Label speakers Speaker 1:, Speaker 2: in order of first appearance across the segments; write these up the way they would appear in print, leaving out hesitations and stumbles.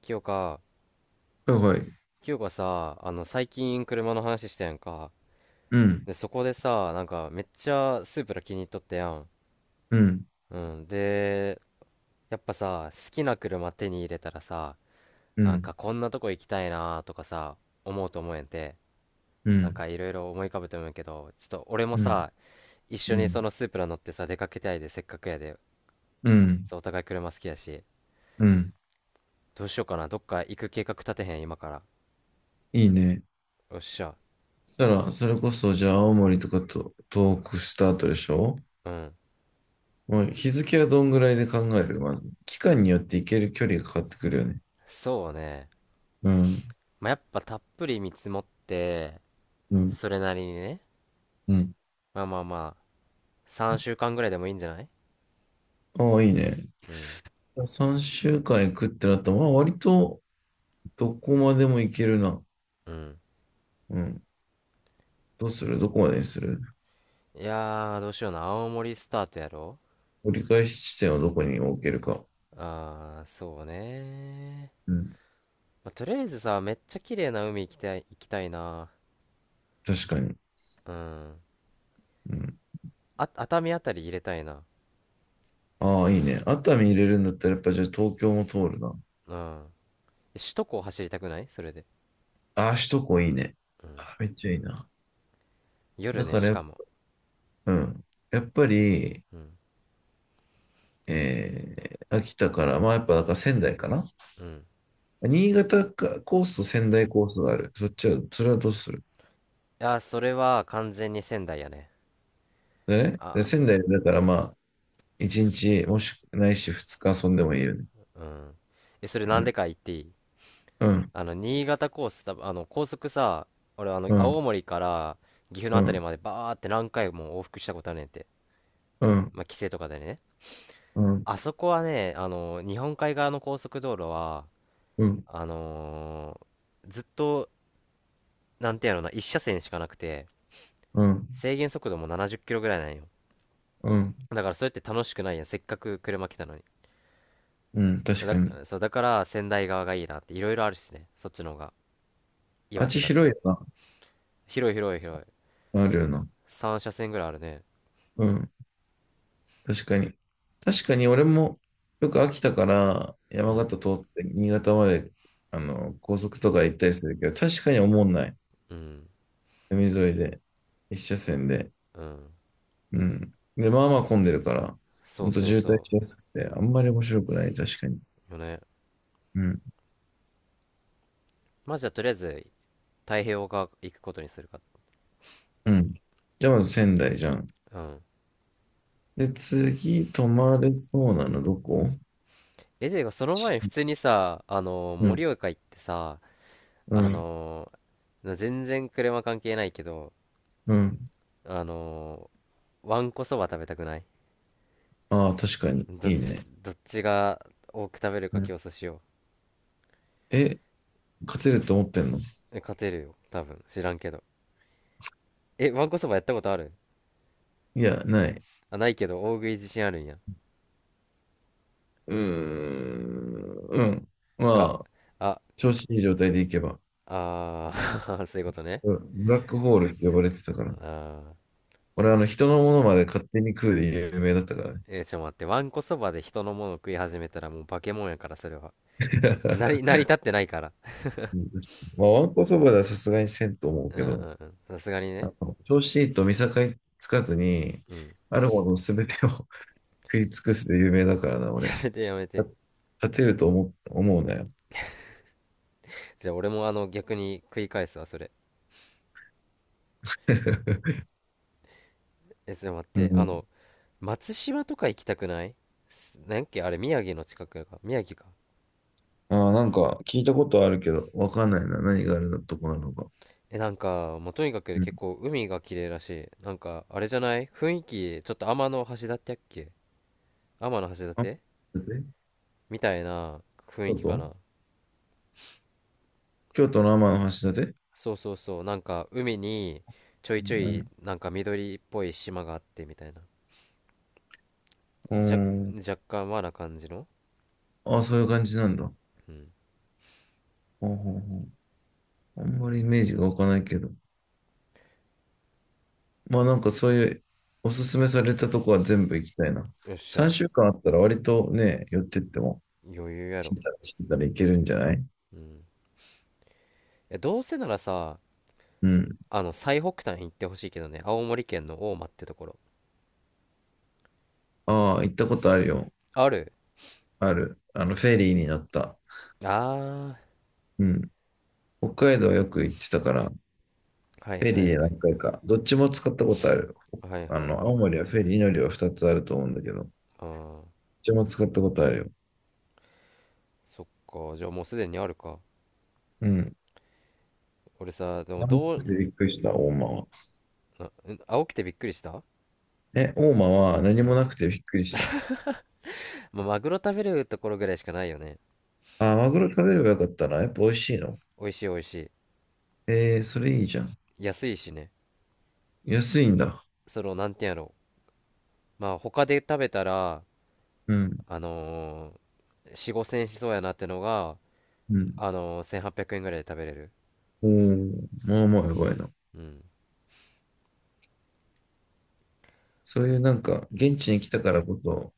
Speaker 1: 清香。
Speaker 2: はいはい。
Speaker 1: 清香さ、最近車の話したやんか。
Speaker 2: うん、
Speaker 1: で、そこでさ、なんか、めっちゃスープラ気に入っとったやん。
Speaker 2: うん、
Speaker 1: うん。で、やっぱさ、好きな車手に入れたらさ、
Speaker 2: う
Speaker 1: なん
Speaker 2: ん、
Speaker 1: か、こんなとこ行きたいなとかさ、思うと思えんて。
Speaker 2: う
Speaker 1: なん
Speaker 2: ん、
Speaker 1: か、いろいろ思い浮かぶと思うけど、ちょっと、俺も
Speaker 2: うん、
Speaker 1: さ、一緒
Speaker 2: う
Speaker 1: にそ
Speaker 2: ん、
Speaker 1: のスープラ乗ってさ、出かけたいで、せっかくやで。
Speaker 2: うん、
Speaker 1: そう、お互い車好きやし。
Speaker 2: うん。
Speaker 1: どうしようかな。どっか行く計画立てへん、今から。
Speaker 2: いいね。
Speaker 1: よっしゃ。
Speaker 2: そしたら、それこそ、じゃあ、青森とかと東北した後でしょ？
Speaker 1: うん。
Speaker 2: もう日付はどんぐらいで考えるまず。期間によって行ける距離が変わってくるよね。
Speaker 1: そうね。
Speaker 2: うん、
Speaker 1: まあ、やっぱたっぷり見積もって、
Speaker 2: うん、
Speaker 1: それなりにね、
Speaker 2: うん。
Speaker 1: まあまあまあ、3週間ぐらいでもいいんじゃない？
Speaker 2: ああ、いいね。
Speaker 1: うん、
Speaker 2: 3週間行くってなったら、まあ、割とどこまでも行けるな。
Speaker 1: うん。
Speaker 2: うん。どうする？どこまでにする？
Speaker 1: いやー、どうしような、青森スタートやろ？
Speaker 2: 折り返し地点をどこに置けるか。
Speaker 1: あー、そうねー。
Speaker 2: うん。
Speaker 1: まあ、とりあえずさ、めっちゃ綺麗な海行きたい、行きたいな。
Speaker 2: 確かに。
Speaker 1: うん。
Speaker 2: うん。
Speaker 1: あ、熱海あたり入れたいな。
Speaker 2: ああ、いいね。熱海入れるんだったら、やっぱじゃあ東京も通るな。
Speaker 1: うん。首都高走りたくない？それで。
Speaker 2: ああ、首都高いいね。ああ、めっちゃいいな。
Speaker 1: 夜
Speaker 2: だ
Speaker 1: ね、
Speaker 2: か
Speaker 1: し
Speaker 2: ら、
Speaker 1: かも。
Speaker 2: うん、やっぱり、
Speaker 1: うん。
Speaker 2: 秋田から、まあやっぱだから仙台かな。
Speaker 1: うん。い
Speaker 2: 新潟かコースと仙台コースがある。そっちは、それはどうする？
Speaker 1: やー、それは完全に仙台やね。
Speaker 2: でね。
Speaker 1: あ、
Speaker 2: で仙台だからまあ、1日、もしくないし2日遊んでもいいよね。
Speaker 1: うん。え、それ
Speaker 2: う
Speaker 1: なんで
Speaker 2: ん、
Speaker 1: か言っていい？
Speaker 2: うん、
Speaker 1: 新潟コース、多分高速さ、俺、
Speaker 2: う
Speaker 1: 青
Speaker 2: ん、
Speaker 1: 森から岐阜の
Speaker 2: う
Speaker 1: あたり
Speaker 2: ん、
Speaker 1: までバーって何回も往復したことあるねんて。
Speaker 2: うん、
Speaker 1: まあ、帰省とかでね。
Speaker 2: うん、
Speaker 1: あそこはね、あの、日本海側の高速道路は、
Speaker 2: うん、
Speaker 1: あのずっと、なんていうのな、一車線しかなくて、
Speaker 2: うん、
Speaker 1: 制限速度も70キロぐらいなんよ。
Speaker 2: うん、
Speaker 1: だから、それって楽しくないやん。せっかく車来たのに。
Speaker 2: うん、確か
Speaker 1: だ、
Speaker 2: に。
Speaker 1: そう、だから、仙台側がいいなって、いろいろあるしね。そっちの方が。
Speaker 2: あっ
Speaker 1: 岩手
Speaker 2: ち
Speaker 1: だった
Speaker 2: 広い
Speaker 1: り。
Speaker 2: よ
Speaker 1: 広い広い広い。
Speaker 2: な。あるよな。
Speaker 1: 三車線ぐらいあるね。
Speaker 2: うん。確かに。確かに俺もよく秋田から
Speaker 1: う
Speaker 2: 山
Speaker 1: ん。
Speaker 2: 形通って新潟まであの高速とか行ったりするけど、確かに思んない。
Speaker 1: うん。
Speaker 2: 海沿いで、一車線で。
Speaker 1: うん。
Speaker 2: うん。で、まあまあ混んでるから、ほ
Speaker 1: そう
Speaker 2: んと
Speaker 1: そう
Speaker 2: 渋滞
Speaker 1: そ
Speaker 2: しやすくて、あんまり面白くない、確かに。
Speaker 1: う。よね。
Speaker 2: うん。
Speaker 1: まあじゃあとりあえず太平洋側行くことにするか。
Speaker 2: うん。じゃあまず仙台じゃん。
Speaker 1: うん。
Speaker 2: で、次、泊まれそうなのどこ？
Speaker 1: え、でがその前に普
Speaker 2: ち
Speaker 1: 通にさ、
Speaker 2: うん、
Speaker 1: 盛岡行ってさ、
Speaker 2: う
Speaker 1: あ
Speaker 2: ん、
Speaker 1: の全然車関係ないけど、
Speaker 2: うん。
Speaker 1: あのわんこそば食べたくない？
Speaker 2: ああ、確かに。
Speaker 1: ど
Speaker 2: い
Speaker 1: っ
Speaker 2: い
Speaker 1: ち、
Speaker 2: ね。
Speaker 1: どっちが多く食べる
Speaker 2: う
Speaker 1: か競
Speaker 2: ん。
Speaker 1: 争しよ
Speaker 2: え、勝てると思ってんの？
Speaker 1: う。え、勝てるよ。多分。知らんけど。え、わんこそばやったことある？
Speaker 2: いや、ない。
Speaker 1: あ、ないけど、大食い自信あるんや。
Speaker 2: うーん。うん。ま
Speaker 1: あ、
Speaker 2: あ、
Speaker 1: あ、
Speaker 2: 調子いい状態でいけば。
Speaker 1: あー そういうことね。
Speaker 2: うん、ブラックホールって呼ばれてたか
Speaker 1: あ
Speaker 2: ら。
Speaker 1: ー
Speaker 2: 俺、あの、人のものまで勝手に食うで有名だったからね。
Speaker 1: えーちょっと待って、わんこそばで人のもの食い始めたらもう化け物やから、それは。成 り立ってないから。
Speaker 2: うん、まあ、わんこそばではさすがにせんと思う
Speaker 1: うん
Speaker 2: け
Speaker 1: う
Speaker 2: ど、
Speaker 1: んうん。さすがに
Speaker 2: あ
Speaker 1: ね。
Speaker 2: の、調子いいと見境つかずに、
Speaker 1: うん。
Speaker 2: あるもの全てを 食い尽くすで有名だからな、
Speaker 1: や
Speaker 2: 俺。
Speaker 1: めてやめて。
Speaker 2: 勝てると思う、思うなよ。
Speaker 1: じゃあ俺もあの逆に食い返すわ、それ。え、ちょっと待っ
Speaker 2: う
Speaker 1: て、
Speaker 2: ん。
Speaker 1: 松島とか行きたくない？なんやっけあれ、宮城の近くか。宮城か。
Speaker 2: ああ、なんか聞いたことあるけど、わかんないな。何があるのとこなのか。
Speaker 1: え、なんか、もうとにかく
Speaker 2: う
Speaker 1: 結
Speaker 2: ん。
Speaker 1: 構海が綺麗らしい。なんか、あれじゃない雰囲気、ちょっと天の橋立やっけ？天の橋
Speaker 2: あ、
Speaker 1: 立
Speaker 2: だって
Speaker 1: みたいな雰
Speaker 2: こ
Speaker 1: 囲気か
Speaker 2: と
Speaker 1: な。
Speaker 2: 京都の天橋立？
Speaker 1: そうそうそう、なんか海にちょいちょ
Speaker 2: う
Speaker 1: い
Speaker 2: ん。
Speaker 1: なんか緑っぽい島があってみたいな。
Speaker 2: う
Speaker 1: じゃ
Speaker 2: ん。
Speaker 1: 若干和な感じの。
Speaker 2: ああ、そういう感じなんだ。
Speaker 1: うん。
Speaker 2: ほうほうほう、あんまりイメージが湧かないけど。まあなんかそういうおすすめされたとこは全部行きたいな。
Speaker 1: よっしゃ。
Speaker 2: 3週間あったら割とね、寄ってっても、
Speaker 1: 余裕や
Speaker 2: 知
Speaker 1: ろ？
Speaker 2: ったら知ったらいけるんじゃない？
Speaker 1: うん。え、どうせならさ、
Speaker 2: うん。
Speaker 1: あの最北端行ってほしいけどね、青森県の大間ってところ。
Speaker 2: ああ、行ったことあるよ。
Speaker 1: ある？
Speaker 2: ある。あの、フェリーに乗った。
Speaker 1: あ
Speaker 2: うん。北海道よく行ってたから、フ
Speaker 1: あー、はい
Speaker 2: ェ
Speaker 1: は
Speaker 2: リー
Speaker 1: い
Speaker 2: で
Speaker 1: はい。
Speaker 2: 何回か、どっちも使ったことある。
Speaker 1: はいはい
Speaker 2: あ
Speaker 1: はい。
Speaker 2: の、青森はフェリー乗りは2つあると思うんだけど、どっ
Speaker 1: あー、
Speaker 2: ちも使ったことあるよ。
Speaker 1: そっか、じゃあもうすでにあるか。
Speaker 2: うん。
Speaker 1: 俺さでも
Speaker 2: 何も
Speaker 1: ど
Speaker 2: な
Speaker 1: う？
Speaker 2: くてびっくりした、大間は。
Speaker 1: あん、青くてびっくりした？
Speaker 2: え、大間は何
Speaker 1: う
Speaker 2: も
Speaker 1: ん。
Speaker 2: なくてびっくりした。
Speaker 1: まあマグロ食べるところぐらいしかないよね。
Speaker 2: あ、マグロ食べればよかったな。やっぱ美味しいの？
Speaker 1: 美味しい美味しい。
Speaker 2: えー、それいいじゃん。
Speaker 1: 安いしね。
Speaker 2: 安いんだ。
Speaker 1: その、なんていうんやろう。まあ、他で食べたら、
Speaker 2: うん、
Speaker 1: あの4、5千円しそうやなってのが、
Speaker 2: うん。
Speaker 1: 1800円ぐらいで食べれる。
Speaker 2: おー、まあまあやばいな。
Speaker 1: うん。
Speaker 2: そういうなんか、現地に来たからこそ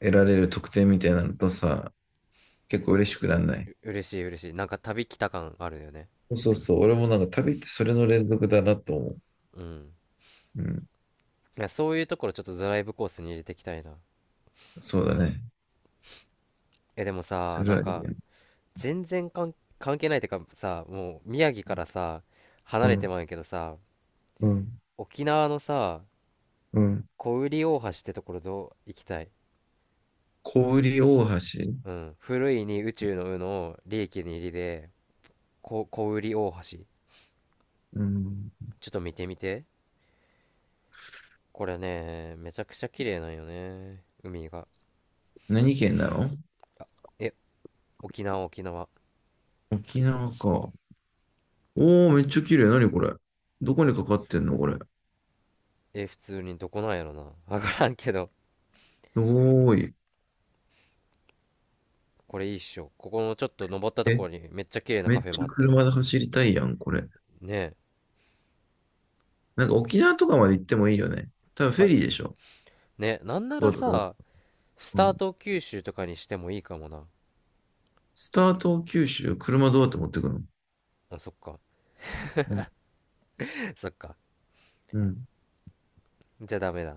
Speaker 2: 得られる特典みたいなのとさ、結構嬉しくなんな
Speaker 1: う
Speaker 2: い？
Speaker 1: 嬉しい、嬉しい、なんか旅来た感あるよね。
Speaker 2: そうそうそう。俺もなんか旅ってそれの連続だなと思う。
Speaker 1: うん。
Speaker 2: うん。
Speaker 1: いや、そういうところちょっとドライブコースに入れていきたいな。
Speaker 2: そうだね。
Speaker 1: え、でも
Speaker 2: そ
Speaker 1: さ、
Speaker 2: れ
Speaker 1: なん
Speaker 2: はいい
Speaker 1: か、
Speaker 2: や。
Speaker 1: 全然関係ないってかさ、もう、宮城からさ、離
Speaker 2: う
Speaker 1: れて
Speaker 2: ん、
Speaker 1: まうんやけどさ、
Speaker 2: うん、
Speaker 1: 沖縄のさ、
Speaker 2: うん。
Speaker 1: 小売大橋ってところどう？行きたい。
Speaker 2: 小売大橋。
Speaker 1: うん。古いに宇宙の「う」の利益に入りで、小売大橋。
Speaker 2: うん。
Speaker 1: ちょっと見てみて。これね、めちゃくちゃ綺麗なんよね。海が。
Speaker 2: 何県なの？
Speaker 1: え、沖縄、沖縄。
Speaker 2: 沖縄か。おー、めっちゃ綺麗。何これ。どこにかかってんのこれ。す
Speaker 1: え、普通にどこなんやろな。わからんけど。
Speaker 2: ごーい。
Speaker 1: これいいっしょ。ここのちょっと登ったとこ
Speaker 2: え、
Speaker 1: ろにめっちゃ綺麗な
Speaker 2: め
Speaker 1: カ
Speaker 2: っ
Speaker 1: フェ
Speaker 2: ち
Speaker 1: も
Speaker 2: ゃ
Speaker 1: あって。
Speaker 2: 車で走りたいやん、これ。
Speaker 1: ねえ。
Speaker 2: なんか沖縄とかまで行ってもいいよね。多分フェ
Speaker 1: ま、
Speaker 2: リーでしょ？
Speaker 1: ね、なんな
Speaker 2: 福
Speaker 1: ら
Speaker 2: 岡だ。
Speaker 1: さ、ス
Speaker 2: う
Speaker 1: ター
Speaker 2: ん。
Speaker 1: ト九州とかにしてもいいかもな。
Speaker 2: スタート九州、車どうやって持ってくの？
Speaker 1: あ、そっか。
Speaker 2: うん、
Speaker 1: そっか。
Speaker 2: うん、
Speaker 1: じゃあダメだ。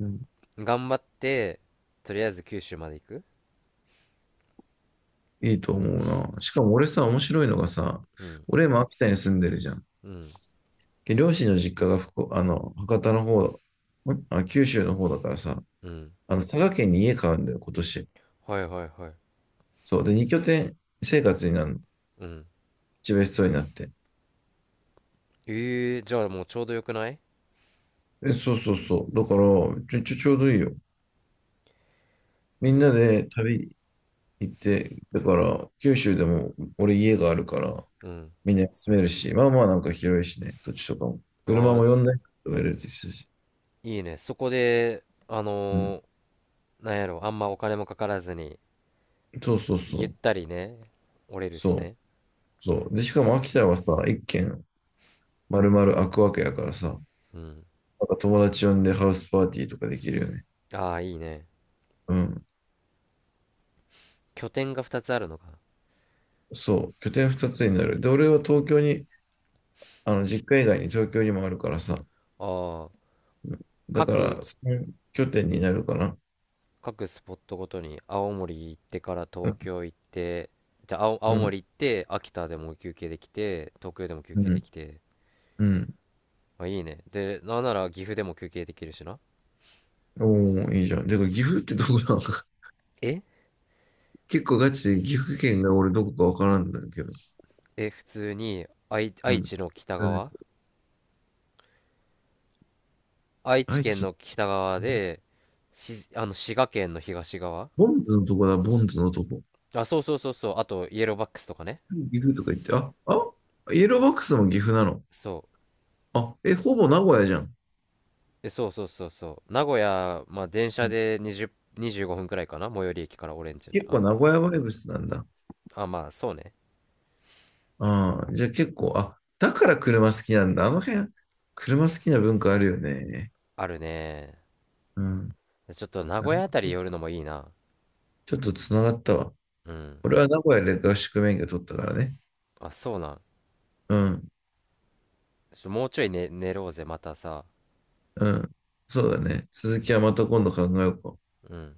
Speaker 2: うん。
Speaker 1: 頑張って、とりあえず九州まで行く。
Speaker 2: いいと思うな。しかも俺さ、面白いのがさ、
Speaker 1: うん。
Speaker 2: 俺今秋田に住んでるじゃん。
Speaker 1: うん。
Speaker 2: で両親の実家が福岡、あの、博多の方、九州の方だからさ、
Speaker 1: うん。
Speaker 2: あの、佐賀県に家買うんだよ、今年。
Speaker 1: はいはいはい。
Speaker 2: そう。で、二拠点生活になるの。
Speaker 1: うん。
Speaker 2: 自分一番必要になって。
Speaker 1: ええー、じゃあもうちょうどよくない？
Speaker 2: え、そうそうそう。だから、ちょうどいいよ。み
Speaker 1: う
Speaker 2: んな
Speaker 1: わ。
Speaker 2: で旅行って、だから、九州でも俺家があるから、
Speaker 1: うん。
Speaker 2: みんな住めるし、まあまあなんか広いしね、土地とかも。車
Speaker 1: お、
Speaker 2: も呼台とか入れてるし。
Speaker 1: いいね。そこで、
Speaker 2: うん。
Speaker 1: なんやろ、あんまお金もかからずに、
Speaker 2: そうそうそ
Speaker 1: ゆっ
Speaker 2: う。
Speaker 1: たりね、折れるし
Speaker 2: そう。
Speaker 1: ね。
Speaker 2: そう。で、しかも秋田はさ、一軒丸々開くわけやからさ、
Speaker 1: うん。
Speaker 2: なんか友達呼んでハウスパーティーとかできるよね。
Speaker 1: ああ、いいね。
Speaker 2: うん。
Speaker 1: 拠点が2つあるのか。
Speaker 2: そう。拠点二つになる。で、俺は東京に、あの、実家以外に東京にもあるからさ、
Speaker 1: ああ、
Speaker 2: だか
Speaker 1: 各、
Speaker 2: ら、の拠点になるかな。
Speaker 1: 各スポットごとに、青森行ってから
Speaker 2: う
Speaker 1: 東
Speaker 2: ん、
Speaker 1: 京行って、じゃあ
Speaker 2: う
Speaker 1: 青
Speaker 2: ん、
Speaker 1: 森行って、秋田でも休憩できて、東京でも休
Speaker 2: う
Speaker 1: 憩で
Speaker 2: ん。
Speaker 1: きて。
Speaker 2: うん
Speaker 1: あ、いいね。で、なんなら岐阜でも休憩できるしな。
Speaker 2: おー、いいじゃん。で、岐阜ってどこなのか。
Speaker 1: え
Speaker 2: 結構ガチで岐阜県が俺どこかわからんんだけど。
Speaker 1: え、普通に、
Speaker 2: う
Speaker 1: 愛
Speaker 2: ん。
Speaker 1: 知の北
Speaker 2: うん
Speaker 1: 側。愛知
Speaker 2: 愛
Speaker 1: 県
Speaker 2: 知、
Speaker 1: の北側で、し、あの、滋賀県の東側。
Speaker 2: ボンズのとこだ、ボンズのとこ。
Speaker 1: あ、そうそうそうそう。あと、イエローバックスとかね。
Speaker 2: 岐阜とか言って、イエローバックスも岐阜なの。
Speaker 1: そう。
Speaker 2: あ、え、ほぼ名古屋じゃん。
Speaker 1: え、そうそうそうそう。名古屋、まあ、電
Speaker 2: う
Speaker 1: 車
Speaker 2: ん、
Speaker 1: で20、25分くらいかな。最寄り駅からオレンジ。
Speaker 2: 結構
Speaker 1: あ、
Speaker 2: 名古屋バイブスなんだ。
Speaker 1: あ、まあ、そうね。
Speaker 2: ああ、じゃあ結構、あ、だから車好きなんだ。あの辺、車好きな文化あるよね。
Speaker 1: あるね。
Speaker 2: うん。
Speaker 1: ちょっと名
Speaker 2: な
Speaker 1: 古屋
Speaker 2: る
Speaker 1: あたり
Speaker 2: ほど、
Speaker 1: 寄るのもいいな。
Speaker 2: ちょっとつながったわ。
Speaker 1: うん。
Speaker 2: 俺は名古屋で合宿免許取ったからね。
Speaker 1: あ、そうなん。
Speaker 2: うん、
Speaker 1: もうちょい寝ろうぜ、またさ。
Speaker 2: うん、そうだね。続きはまた今度考えようか。
Speaker 1: うん。